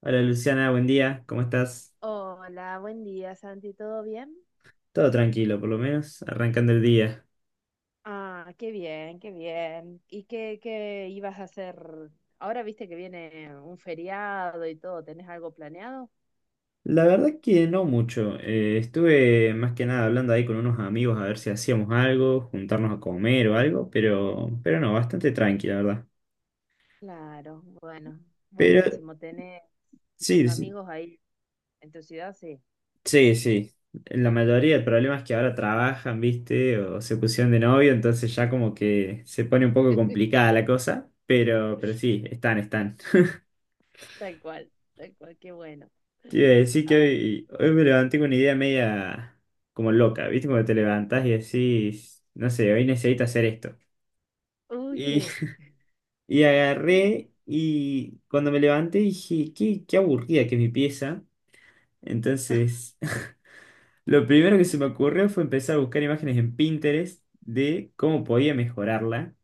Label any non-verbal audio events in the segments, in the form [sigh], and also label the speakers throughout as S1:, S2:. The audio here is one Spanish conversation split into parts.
S1: Hola Luciana, buen día, ¿cómo estás?
S2: Hola, buen día, Santi, ¿todo bien?
S1: Todo tranquilo, por lo menos, arrancando el día.
S2: Ah, qué bien, qué bien. ¿Y qué ibas a hacer? Ahora viste que viene un feriado y todo, ¿tenés algo planeado?
S1: La verdad que no mucho. Estuve más que nada hablando ahí con unos amigos a ver si hacíamos algo, juntarnos a comer o algo, pero no, bastante tranqui, la verdad.
S2: Claro, bueno,
S1: Pero
S2: buenísimo. ¿Tenés
S1: sí,
S2: muchos
S1: sí,
S2: amigos ahí en tu ciudad? Sí,
S1: sí, sí. La mayoría del problema es que ahora trabajan, ¿viste? O se pusieron de novio, entonces ya como que se pone un poco complicada la cosa, pero sí, están, están.
S2: tal cual, tal cual, qué bueno.
S1: Te iba a decir que
S2: Ay,
S1: hoy me levanté con una idea media como loca, ¿viste? Cuando te levantás y decís, no sé, hoy necesito hacer esto.
S2: uy,
S1: Y
S2: qué
S1: [laughs] y agarré y cuando me levanté dije, qué aburrida que es mi pieza.
S2: [laughs]
S1: Entonces, [laughs] lo primero que se me ocurrió fue empezar a buscar imágenes en Pinterest de cómo podía mejorarla.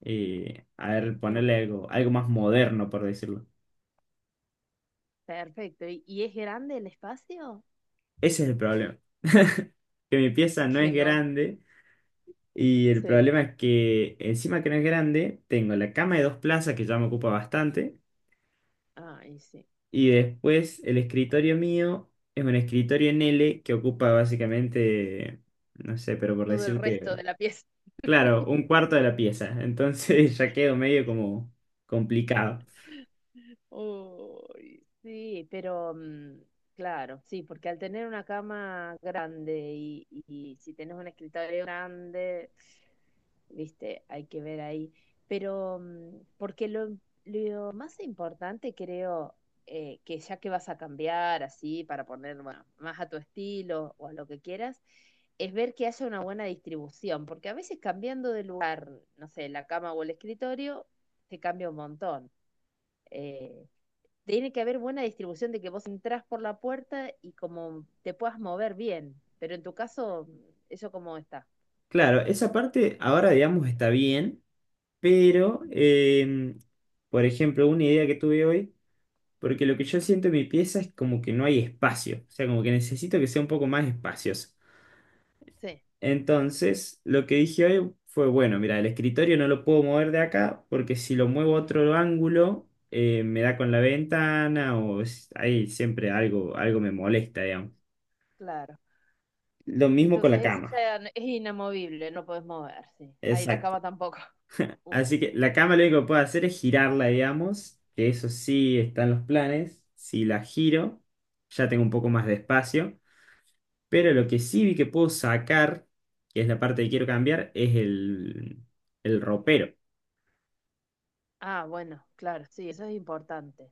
S1: A ver,
S2: genial,
S1: ponerle algo más moderno, por decirlo.
S2: perfecto. Y es grande el espacio?
S1: Ese es el problema, que mi pieza no
S2: Que
S1: es
S2: no,
S1: grande. Y el
S2: sí,
S1: problema es que encima que no es grande, tengo la cama de dos plazas que ya me ocupa bastante.
S2: ay, sí.
S1: Y después el escritorio mío es un escritorio en L que ocupa básicamente, no sé, pero por
S2: Todo el resto
S1: decirte,
S2: de la pieza.
S1: claro, un cuarto de la pieza. Entonces [laughs] ya quedo medio como complicado.
S2: Uy, sí, pero claro, sí, porque al tener una cama grande y si tenés un escritorio grande, viste, hay que ver ahí. Pero porque lo más importante creo que ya que vas a cambiar así para poner bueno, más a tu estilo o a lo que quieras, es ver que haya una buena distribución, porque a veces cambiando de lugar, no sé, la cama o el escritorio, te cambia un montón. Eh, tiene que haber buena distribución de que vos entras por la puerta y como te puedas mover bien, pero en tu caso, eso como está.
S1: Claro, esa parte ahora digamos está bien, pero, em, por ejemplo, una idea que tuve hoy. Porque lo que yo siento en mi pieza es como que no hay espacio, o sea, como que necesito que sea un poco más espacioso.
S2: Sí,
S1: Entonces, lo que dije hoy fue, bueno, mira, el escritorio no lo puedo mover de acá porque si lo muevo a otro ángulo, me da con la ventana o ahí siempre algo, algo me molesta, digamos.
S2: claro.
S1: Lo mismo con la
S2: Entonces ese
S1: cama,
S2: ya es inamovible, no podés mover, sí. Ahí la
S1: exacto.
S2: cama tampoco. [laughs] Uf.
S1: Así que la cama lo único que puedo hacer es girarla, digamos, que eso sí está en los planes. Si la giro, ya tengo un poco más de espacio. Pero lo que sí vi que puedo sacar, que es la parte que quiero cambiar, es el ropero.
S2: Ah, bueno, claro, sí, eso es importante.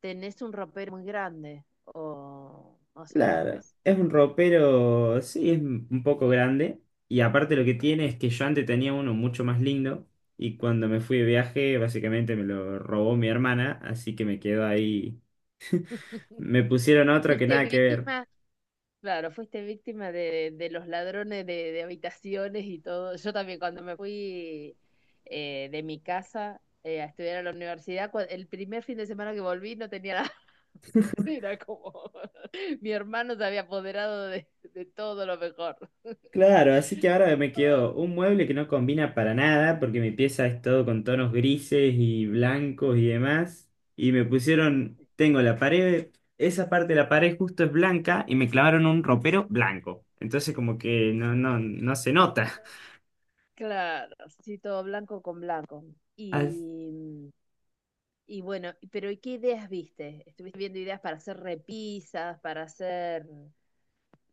S2: ¿Tenés un ropero muy grande o más o
S1: Claro,
S2: menos?
S1: es un ropero, sí, es un poco grande. Y aparte lo que tiene es que yo antes tenía uno mucho más lindo. Y cuando me fui de viaje, básicamente me lo robó mi hermana. Así que me quedó ahí.
S2: [laughs]
S1: Me pusieron otro que
S2: ¿Fuiste
S1: nada que ver.
S2: víctima? Claro, fuiste víctima de los ladrones de habitaciones y todo. Yo también cuando me fui de mi casa a estudiar a la universidad, el primer fin de semana que volví no tenía nada. [laughs] Era como [laughs] mi hermano se había apoderado de todo lo mejor. [laughs]
S1: Claro, así que ahora me quedó
S2: Oh,
S1: un mueble que no combina para nada, porque mi pieza es todo con tonos grises y blancos y demás. Y me pusieron, tengo la pared, esa parte de la pared justo es blanca y me clavaron un ropero blanco. Entonces como que no, no, no se nota.
S2: claro, sí, todo blanco con blanco.
S1: [laughs] As-
S2: Y, y bueno, pero ¿y qué ideas viste? ¿Estuviste viendo ideas para hacer repisas, para hacer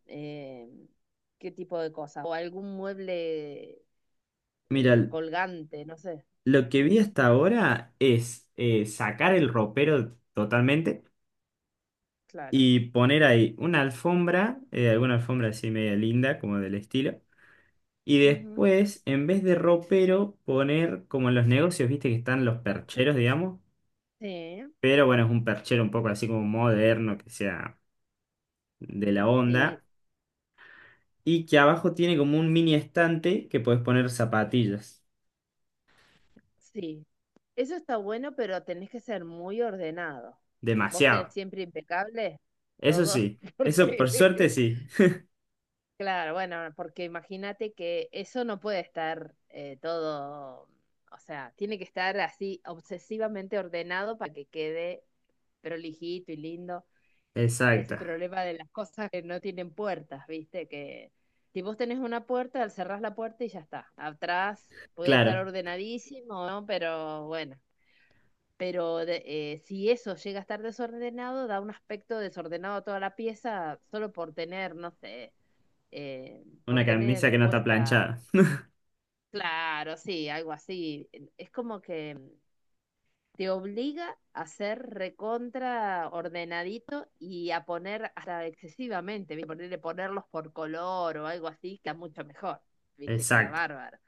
S2: eh, qué tipo de cosas? ¿O algún mueble
S1: Mira,
S2: colgante? No sé,
S1: lo que vi hasta ahora es sacar el ropero totalmente
S2: claro.
S1: y poner ahí una alfombra, alguna alfombra así media linda, como del estilo. Y
S2: Ujú.
S1: después, en vez de ropero, poner como en los negocios, viste que están los percheros, digamos.
S2: Sí,
S1: Pero bueno, es un perchero un poco así como moderno, que sea de la
S2: sí,
S1: onda. Y que abajo tiene como un mini estante que puedes poner zapatillas.
S2: sí. Eso está bueno, pero tenés que ser muy ordenado. Vos tenés
S1: Demasiado.
S2: siempre impecable
S1: Eso
S2: todo,
S1: sí.
S2: [laughs]
S1: Eso por suerte
S2: porque
S1: sí.
S2: claro, bueno, porque imagínate que eso no puede estar todo, o sea, tiene que estar así obsesivamente ordenado para que quede prolijito y lindo.
S1: [laughs]
S2: Es el
S1: Exacto.
S2: problema de las cosas que no tienen puertas, ¿viste? Que si vos tenés una puerta, al cerrás la puerta y ya está. Atrás puede estar
S1: Claro.
S2: ordenadísimo, ¿no? Pero bueno, pero si eso llega a estar desordenado, da un aspecto desordenado a toda la pieza solo por tener, no sé por
S1: Una camisa
S2: tener
S1: que no está
S2: puesta,
S1: planchada.
S2: claro, sí, algo así. Es como que te obliga a ser recontra ordenadito y a poner hasta excesivamente, ¿viste? Ponerle, ponerlos por color o algo así, queda mucho mejor, viste, queda
S1: Exacto.
S2: bárbaro.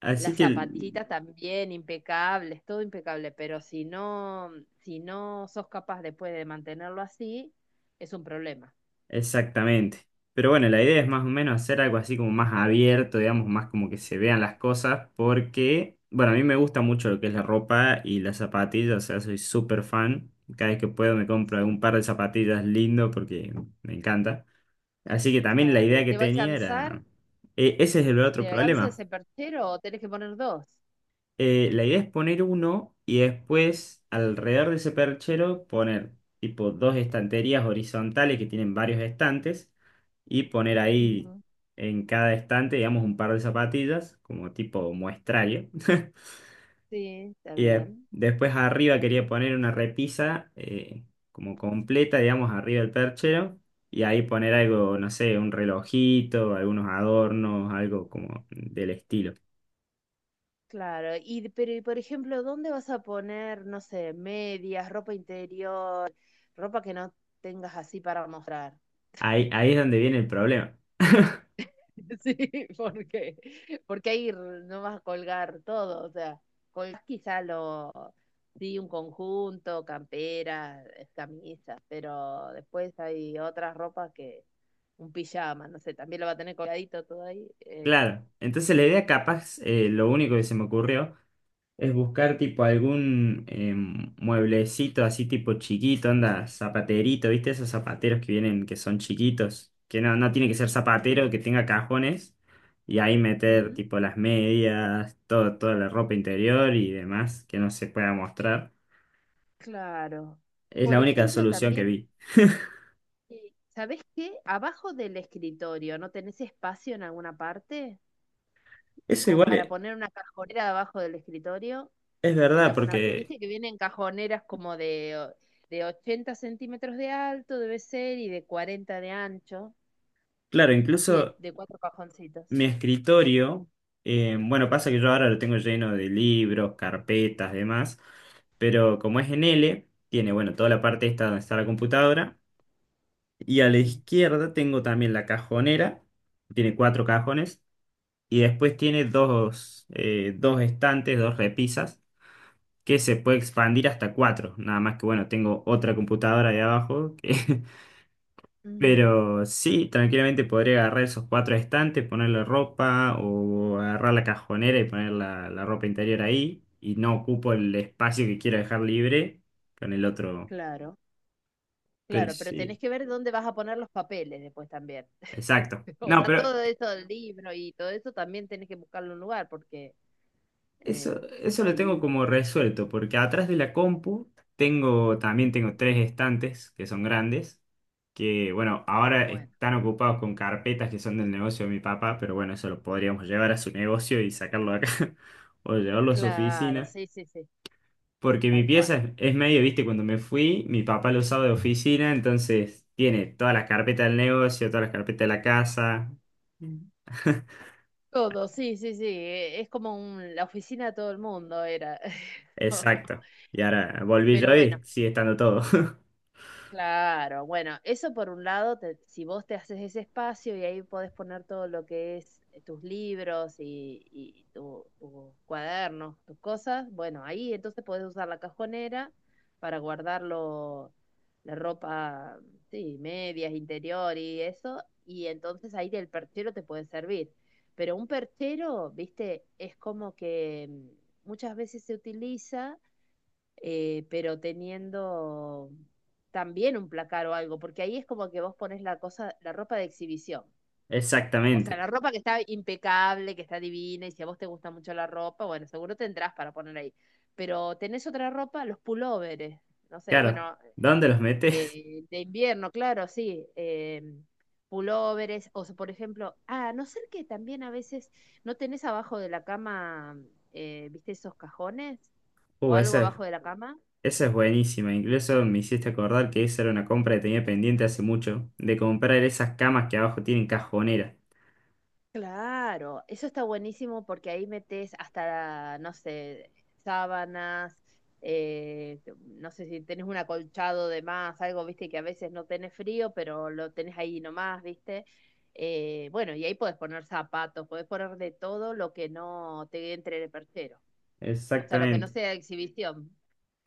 S1: Así
S2: Las
S1: que
S2: zapatillitas también impecables, todo impecable, pero si no, si no sos capaz después de mantenerlo así, es un problema.
S1: exactamente. Pero bueno, la idea es más o menos hacer algo así como más abierto, digamos, más como que se vean las cosas, porque, bueno, a mí me gusta mucho lo que es la ropa y las zapatillas, o sea, soy súper fan. Cada vez que puedo me compro un
S2: Sí,
S1: par de zapatillas lindo porque me encanta. Así que también la
S2: claro, y
S1: idea que
S2: te va a
S1: tenía
S2: alcanzar.
S1: era... Ese es el otro
S2: ¿Te alcanza
S1: problema.
S2: ese perchero o tenés que poner dos?
S1: La idea es poner uno y después alrededor de ese perchero poner tipo dos estanterías horizontales que tienen varios estantes y poner ahí
S2: Ujú.
S1: en cada estante, digamos, un par de zapatillas como tipo muestrario. [laughs]
S2: Sí, está
S1: Y
S2: bien.
S1: después arriba quería poner una repisa como completa, digamos, arriba del perchero. Y ahí poner algo, no sé, un relojito, algunos adornos, algo como del estilo.
S2: Claro, y pero y por ejemplo, ¿dónde vas a poner, no sé, medias, ropa interior, ropa que no tengas así para mostrar?
S1: Ahí es donde viene el problema.
S2: [laughs] Sí, porque porque ahí no vas a colgar todo, o sea, colgás quizá lo sí un conjunto, camperas, camisas, pero después hay otras ropas que un pijama, no sé, también lo va a tener colgadito todo ahí.
S1: Claro, entonces la idea capaz, lo único que se me ocurrió es buscar tipo algún mueblecito así tipo chiquito, anda, zapaterito, ¿viste? Esos zapateros que vienen, que son chiquitos, que no tiene que ser zapatero,
S2: Sí.
S1: que tenga cajones, y ahí meter
S2: Ujú,
S1: tipo las medias, todo, toda la ropa interior y demás que no se pueda mostrar.
S2: claro.
S1: Es
S2: Por
S1: la única
S2: ejemplo,
S1: solución que
S2: también,
S1: vi.
S2: ¿sabés qué? Abajo del escritorio, ¿no tenés espacio en alguna parte?
S1: Eso
S2: Como
S1: igual
S2: para poner una cajonera abajo del escritorio,
S1: es
S2: en
S1: verdad,
S2: alguna parte,
S1: porque,
S2: viste que vienen cajoneras como de, de 80 centímetros de alto, debe ser, y de 40 de ancho,
S1: claro,
S2: así
S1: incluso...
S2: de cuatro cajoncitos.
S1: Mi escritorio, bueno, pasa que yo ahora lo tengo lleno de libros, carpetas, demás, pero como es en L, tiene, bueno, toda la parte esta donde está la computadora, y a la
S2: Sí.
S1: izquierda tengo también la cajonera, tiene cuatro cajones, y después tiene dos estantes, dos repisas, que se puede expandir hasta cuatro, nada más que, bueno, tengo otra computadora de abajo.
S2: Ujú,
S1: Pero sí, tranquilamente podría agarrar esos cuatro estantes, ponerle ropa o agarrar la cajonera y poner la ropa interior ahí y no ocupo el espacio que quiero dejar libre con el otro.
S2: claro.
S1: Pero
S2: Claro, pero
S1: sí,
S2: tenés que ver dónde vas a poner los papeles después también. [laughs]
S1: exacto.
S2: O
S1: No,
S2: sea,
S1: pero
S2: todo eso del libro y todo eso también tenés que buscarle un lugar porque eh,
S1: eso lo tengo
S2: ahí...
S1: como resuelto, porque atrás de la compu tengo, también tengo tres estantes que son grandes, que bueno,
S2: Ah,
S1: ahora
S2: bueno.
S1: están ocupados con carpetas que son del negocio de mi papá, pero bueno, eso lo podríamos llevar a su negocio y sacarlo de acá, [laughs] o llevarlo a su
S2: Claro,
S1: oficina,
S2: sí, sí, sí,
S1: porque mi
S2: tal cual.
S1: pieza es medio, viste, cuando me fui, mi papá lo usaba de oficina, entonces tiene todas las carpetas del negocio, todas las carpetas de la casa. Mm. [laughs]
S2: Todo, sí, sí, sí. Es como la oficina de todo el mundo era. [laughs]
S1: Exacto. Y ahora volví
S2: Pero
S1: yo
S2: bueno.
S1: y sigue estando todo. [laughs]
S2: Claro, bueno, eso por un lado, te- si vos te haces ese espacio y ahí podés poner todo lo que es tus libros y tus cuadernos, tus cosas, bueno, ahí entonces podés usar la cajonera para guardarlo, la ropa, sí, medias, interior y eso, y entonces ahí el perchero te puede servir. Pero un perchero, viste, es como que muchas veces se utiliza pero teniendo también un placar o algo, porque ahí es como que vos pones la cosa, la ropa de exhibición. O sea,
S1: Exactamente.
S2: la ropa que está impecable, que está divina, y si a vos te gusta mucho la ropa, bueno, seguro tendrás para poner ahí. Pero tenés otra ropa, los pulóveres, no sé,
S1: Claro,
S2: bueno,
S1: ¿dónde los metes? [laughs]
S2: de invierno, claro, sí, pulóveres, o sea, por ejemplo, ah, a no ser que también a veces no tenés abajo de la cama, viste, esos cajones, o
S1: Uh,
S2: algo
S1: esa es,
S2: abajo de la cama.
S1: esa es buenísima. Incluso me hiciste acordar que esa era una compra que tenía pendiente hace mucho, de comprar esas camas que abajo tienen cajonera.
S2: Claro, eso está buenísimo porque ahí metes hasta, no sé, sábanas, no sé si tenés un acolchado de más, algo, viste, que a veces no tenés frío, pero lo tenés ahí nomás, viste. Bueno, y ahí podés poner zapatos, podés poner de todo lo que no te entre en el perchero, o sea, lo que no
S1: Exactamente.
S2: sea exhibición.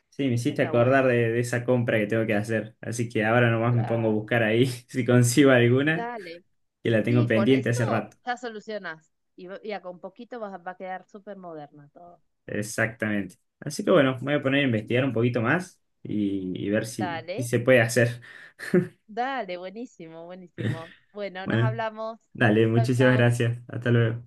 S1: Sí, me
S2: Eso
S1: hiciste
S2: está
S1: acordar
S2: bueno,
S1: de esa compra que tengo que hacer. Así que ahora nomás me pongo a
S2: claro.
S1: buscar ahí [laughs] si consigo alguna,
S2: Dale,
S1: que la tengo
S2: sí, con
S1: pendiente hace
S2: eso
S1: rato.
S2: ya solucionás y, y con poquito va, va a quedar súper moderna todo.
S1: Exactamente. Así que bueno, me voy a poner a investigar un poquito más y ver si
S2: Dale.
S1: se puede hacer.
S2: Dale, buenísimo, buenísimo. Bueno, nos
S1: Bueno,
S2: hablamos.
S1: dale,
S2: Chao,
S1: muchísimas
S2: chao.
S1: gracias. Hasta luego.